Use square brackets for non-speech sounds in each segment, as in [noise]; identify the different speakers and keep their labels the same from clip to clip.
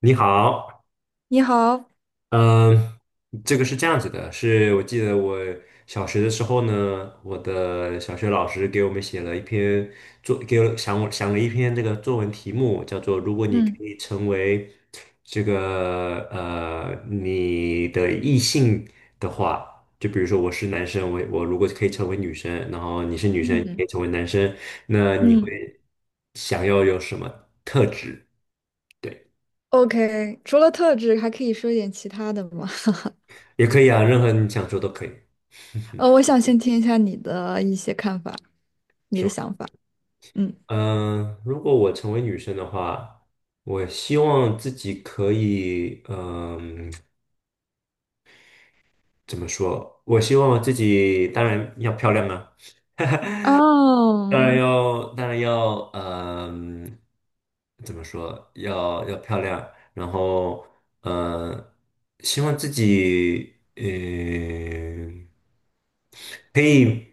Speaker 1: 你好，
Speaker 2: 你好。
Speaker 1: 嗯，这个是这样子的，是我记得我小学的时候呢，我的小学老师给我们写了一篇给我想我想了一篇这个作文题目，叫做"如果你可
Speaker 2: 嗯
Speaker 1: 以成为你的异性的话"，就比如说我是男生，我如果可以成为女生，然后你是女生，你可
Speaker 2: 嗯
Speaker 1: 以成为男生，那你
Speaker 2: 嗯，
Speaker 1: 会想要有什么特质？对，
Speaker 2: ，OK，除了特质，还可以说一点其他的吗？[laughs]
Speaker 1: 也可以啊，任何你想说都可以。
Speaker 2: 我想先听一下你的一些看法，你的想法。嗯，
Speaker 1: 如果我成为女生的话，我希望自己可以，怎么说？我希望自己当然要漂亮啊，当然
Speaker 2: 哦，
Speaker 1: 要，当然要，怎么说？要漂亮，然后，嗯，希望自己，可以，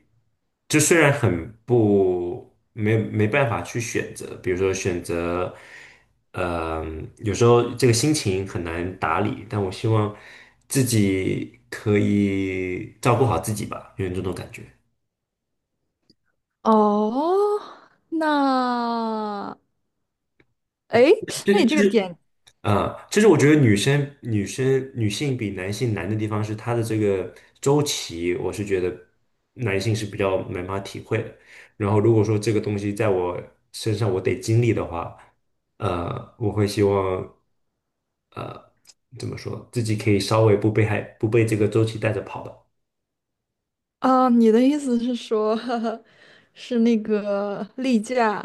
Speaker 1: 就虽然很不没没办法去选择，比如说选择，有时候这个心情很难打理，但我希望自己可以照顾好自己吧，有点这种感觉。
Speaker 2: 哦，那，诶，
Speaker 1: 就就
Speaker 2: 那
Speaker 1: 是
Speaker 2: 你这
Speaker 1: 就
Speaker 2: 个
Speaker 1: 是。
Speaker 2: 点。
Speaker 1: 其实我觉得女性比男性难的地方是她的这个周期，我是觉得男性是比较没办法体会的。然后如果说这个东西在我身上我得经历的话，我会希望怎么说，自己可以稍微不被这个周期带着跑的。
Speaker 2: 你的意思是说，[laughs] 是那个例假。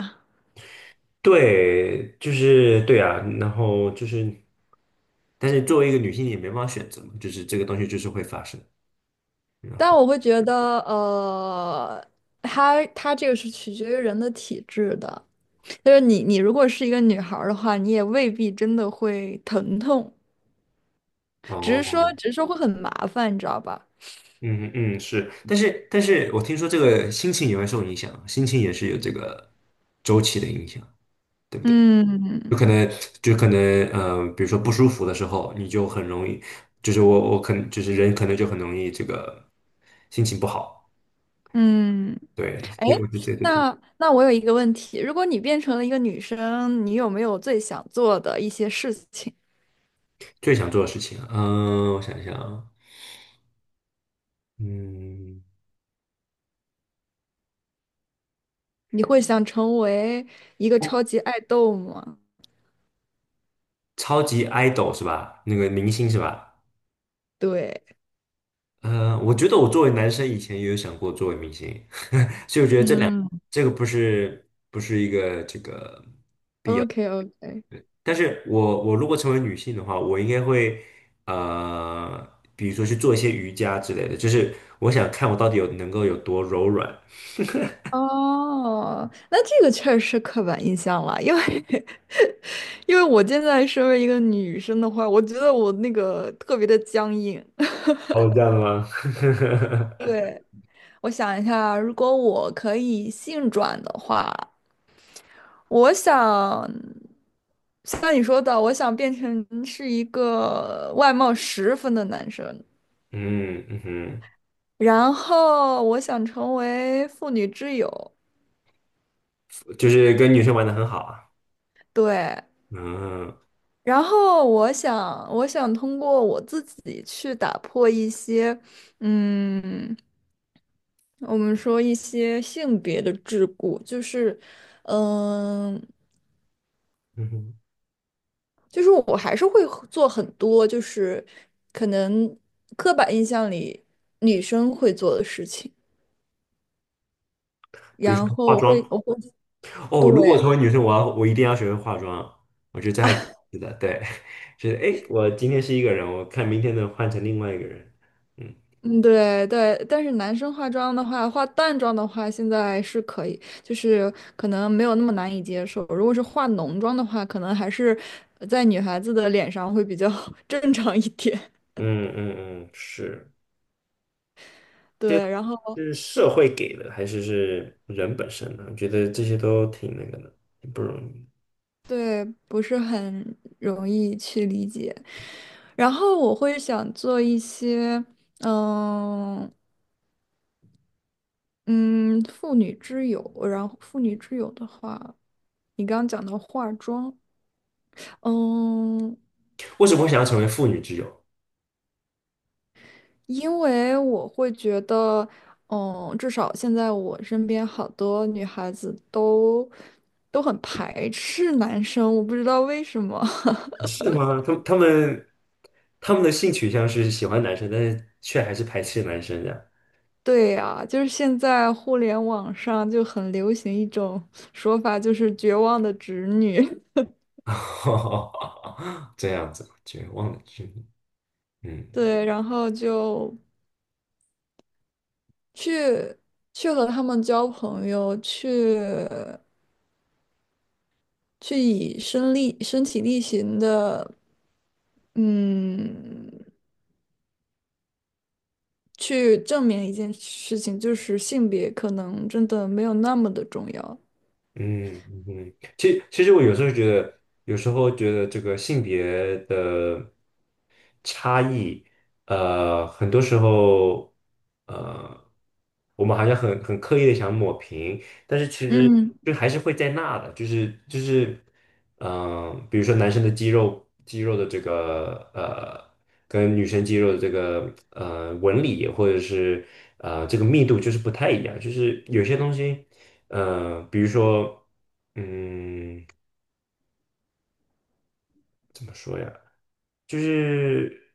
Speaker 1: 对，就是对啊，然后就是，但是作为一个女性也没办法选择嘛，就是这个东西就是会发生。
Speaker 2: 但我会觉得，它这个是取决于人的体质的。就是你，你如果是一个女孩儿的话，你也未必真的会疼痛，只是说，
Speaker 1: 哦。
Speaker 2: 只是说会很麻烦，你知道吧？
Speaker 1: 嗯嗯是，但是我听说这个心情也会受影响，心情也是有这个周期的影响，对不对？
Speaker 2: 嗯
Speaker 1: 有可能就可能比如说不舒服的时候，你就很容易，就是我可能就是人可能就很容易这个心情不好，
Speaker 2: 嗯。
Speaker 1: 对，所
Speaker 2: 哎，
Speaker 1: 以我觉得这个挺。
Speaker 2: 那我有一个问题，如果你变成了一个女生，你有没有最想做的一些事情？
Speaker 1: 最想做的事情啊我想一想啊，嗯，
Speaker 2: 你会想成为一个超
Speaker 1: 哦，
Speaker 2: 级爱豆吗？
Speaker 1: 超级 idol 是吧？那个明星是吧？
Speaker 2: 对。
Speaker 1: 我觉得我作为男生以前也有想过作为明星。
Speaker 2: 嗯，
Speaker 1: 这个不是一个这个，
Speaker 2: OK OK。
Speaker 1: 但是我如果成为女性的话，我应该会呃，比如说去做一些瑜伽之类的，就是我想看我到底有能够有多柔软。
Speaker 2: 哦，那这个确实是刻板印象了，因为 [laughs] 因为我现在身为一个女生的话，我觉得我那个特别的僵硬。[laughs]
Speaker 1: 哦，这样的吗？[laughs]
Speaker 2: 对，我想一下，如果我可以性转的话，我想像你说的，我想变成是一个外貌十分的男生，
Speaker 1: 嗯嗯哼，
Speaker 2: 然后我想成为妇女之友。
Speaker 1: 就是跟女生玩的很好啊。
Speaker 2: 对，
Speaker 1: 嗯
Speaker 2: 然后我想，我想通过我自己去打破一些，嗯，我们说一些性别的桎梏。嗯，
Speaker 1: 嗯哼，
Speaker 2: 就是我还是会很做很多，就是可能刻板印象里女生会做的事情，
Speaker 1: 比如
Speaker 2: 然
Speaker 1: 说
Speaker 2: 后
Speaker 1: 化
Speaker 2: 我
Speaker 1: 妆
Speaker 2: 会我会
Speaker 1: 哦，如果
Speaker 2: 对。
Speaker 1: 成为女生，我一定要学会化妆。我觉得这还挺有意思的，对，[laughs] 就是哎，诶我今天是一个人，我看明天能换成另外一个人。嗯。
Speaker 2: 嗯，对对，但是男生化妆的话，化淡妆的话，现在是可以，就是可能没有那么难以接受。如果是化浓妆的话，可能还是在女孩子的脸上会比较 [laughs] 正常一点。
Speaker 1: 嗯嗯嗯，是，这
Speaker 2: 对，然后。
Speaker 1: 是社会给的，还是是人本身呢？我觉得这些都挺那个的，挺不容易。
Speaker 2: 对，不是很容易去理解。然后我会想做一些，嗯嗯，妇女之友。然后妇女之友的话，你刚刚讲到化妆。嗯，
Speaker 1: 为什么会想要成为妇女之友？
Speaker 2: 因为我会觉得，嗯，至少现在我身边好多女孩子都很排斥男生，我不知道为什么。[laughs]
Speaker 1: 是吗？他们的性取向是喜欢男生，但是却还是排斥男生的，
Speaker 2: 对呀，就是现在互联网上就很流行一种说法，就是绝望的直女。[laughs]
Speaker 1: [laughs] 这样子，就忘了，嗯。
Speaker 2: 对，然后就去去和他们交朋友，去去以身力身体力行的，嗯，去证明一件事情，就是性别可能真的没有那么的重要。
Speaker 1: 嗯嗯嗯，其实我有时候觉得这个性别的差异，很多时候，呃，我们好像很刻意的想抹平，但是其实
Speaker 2: 嗯。
Speaker 1: 就还是会在那的，比如说男生的肌肉的这个跟女生肌肉的这个纹理或者是这个密度就是不太一样，就是有些东西，比如说怎么说呀，就是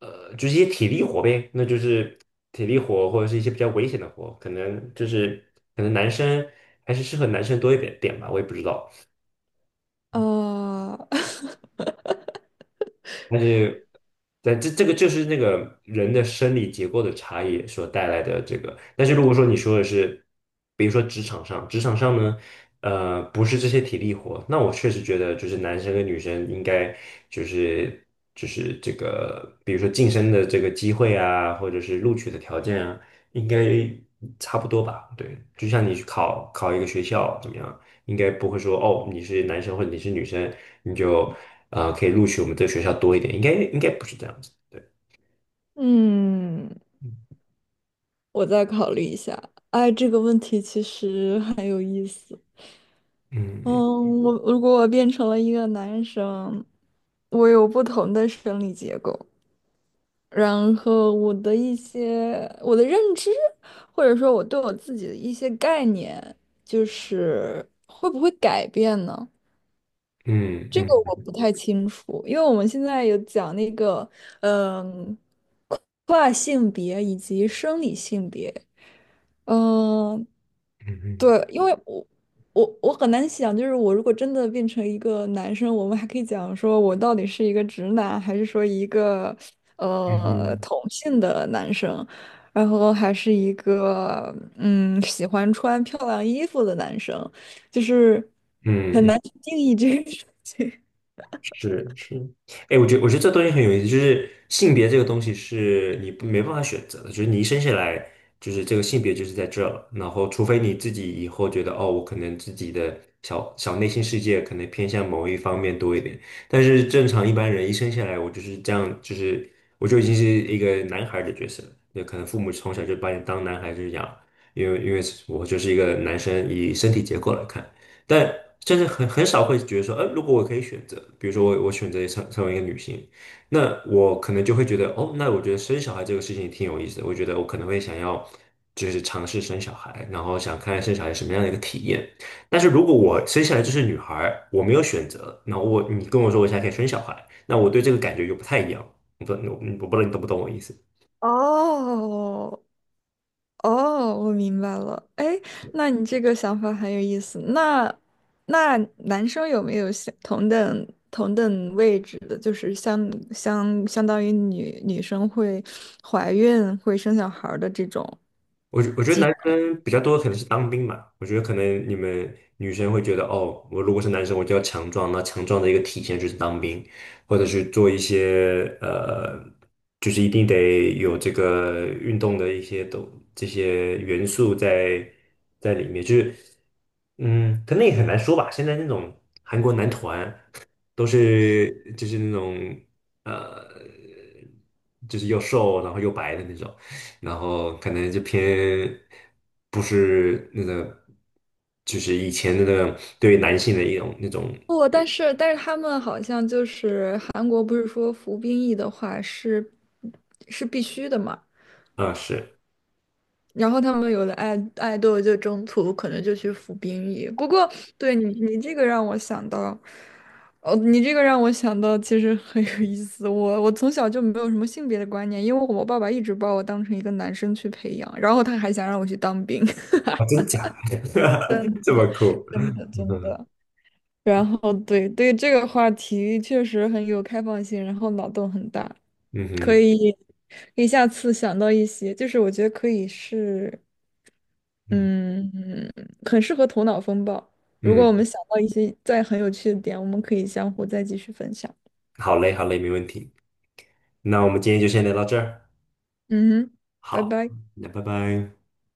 Speaker 1: 一些体力活呗，那就是体力活或者是一些比较危险的活，可能可能男生还是适合男生多一点点吧，我也不知道。
Speaker 2: 呃，[laughs]
Speaker 1: 但是，这个就是那个人的生理结构的差异所带来的这个。但是如果说你说的是，比如说职场上呢，不是这些体力活，那我确实觉得就是男生跟女生应该就是这个，比如说晋升的这个机会啊，或者是录取的条件啊，应该差不多吧？对，就像你去考一个学校怎么样？应该不会说哦，你是男生或者你是女生，你就，可以录取我们这个学校多一点，应该不是这样子，对，
Speaker 2: 嗯，我再考虑一下。哎，这个问题其实很有意思。
Speaker 1: 嗯
Speaker 2: 嗯，我如果我变成了一个男生，我有不同的生理结构，然后我的一些我的认知，或者说我对我自己的一些概念，就是会不会改变呢？
Speaker 1: 嗯
Speaker 2: 这
Speaker 1: 嗯
Speaker 2: 个我
Speaker 1: 嗯
Speaker 2: 不太清楚，因为我们现在有讲那个，嗯，跨性别以及生理性别。嗯，
Speaker 1: 嗯
Speaker 2: 对，因为我很难想，就是我如果真的变成一个男生，我们还可以讲说我到底是一个直男，还是说一个
Speaker 1: 嗯嗯
Speaker 2: 同性的男生，然后还是一个喜欢穿漂亮衣服的男生，就是
Speaker 1: 嗯
Speaker 2: 很
Speaker 1: 嗯。
Speaker 2: 难去定义这个事情。
Speaker 1: 是是，哎，我觉得这东西很有意思，就是性别这个东西是你不没办法选择的，就是你一生下来就是这个性别就是在这儿，然后除非你自己以后觉得哦，我可能自己的小小内心世界可能偏向某一方面多一点，但是正常一般人一生下来，我就是这样，就是我就已经是一个男孩儿的角色了，那可能父母从小就把你当男孩子养，因为我就是一个男生，以身体结构来看。但真的很少会觉得说，如果我可以选择，比如说我选择成为一个女性，那我可能就会觉得，哦，那我觉得生小孩这个事情挺有意思的，我觉得我可能会想要就是尝试生小孩，然后想看看生小孩什么样的一个体验。但是如果我生下来就是女孩儿，我没有选择，你跟我说我现在可以生小孩，那我对这个感觉就不太一样。我不，我我不知道你懂不懂我意思。
Speaker 2: [laughs] 哦，哦，我明白了。哎，那你这个想法很有意思。那男生有没有相同等同等位置的？就是相当于女生会怀孕、会生小孩儿的这种
Speaker 1: 我觉得
Speaker 2: 机
Speaker 1: 男
Speaker 2: 会。
Speaker 1: 生比较多可能是当兵嘛，我觉得可能你们女生会觉得哦，我如果是男生，我就要强壮，那强壮的一个体现就是当兵，或者是做一些就是一定得有这个运动的一些都这些元素在里面，就是。可能也很难说吧。现在那种韩国男团都是就是那种呃，就是又瘦然后又白的那种，然后可能就偏不是那个，就是以前那个对于男性的一种那种
Speaker 2: 不，但是他们好像就是韩国不是说服兵役的话是是必须的嘛？
Speaker 1: 啊，是
Speaker 2: 然后他们有的爱豆就中途可能就去服兵役。不过，对你你这个让我想到，哦，你这个让我想到，其实很有意思。我从小就没有什么性别的观念，因为我爸爸一直把我当成一个男生去培养，然后他还想让我去当兵。
Speaker 1: 啊，真假？[laughs] 这么
Speaker 2: [laughs]
Speaker 1: 酷？
Speaker 2: 真的
Speaker 1: 嗯
Speaker 2: 真
Speaker 1: 哼，
Speaker 2: 的。然后对对这个话题确实很有开放性，然后脑洞很大，
Speaker 1: 嗯
Speaker 2: 可
Speaker 1: 哼，
Speaker 2: 以可以下次想到一些，就是我觉得可以是。
Speaker 1: 嗯
Speaker 2: 嗯,很适合头脑风暴。如果
Speaker 1: 嗯，
Speaker 2: 我们想到一些再很有趣的点，我们可以相互再继续分享。
Speaker 1: 好嘞，好嘞，没问题。那我们今天就先聊到这儿，
Speaker 2: 嗯哼，拜
Speaker 1: 好，
Speaker 2: 拜。
Speaker 1: 那拜拜。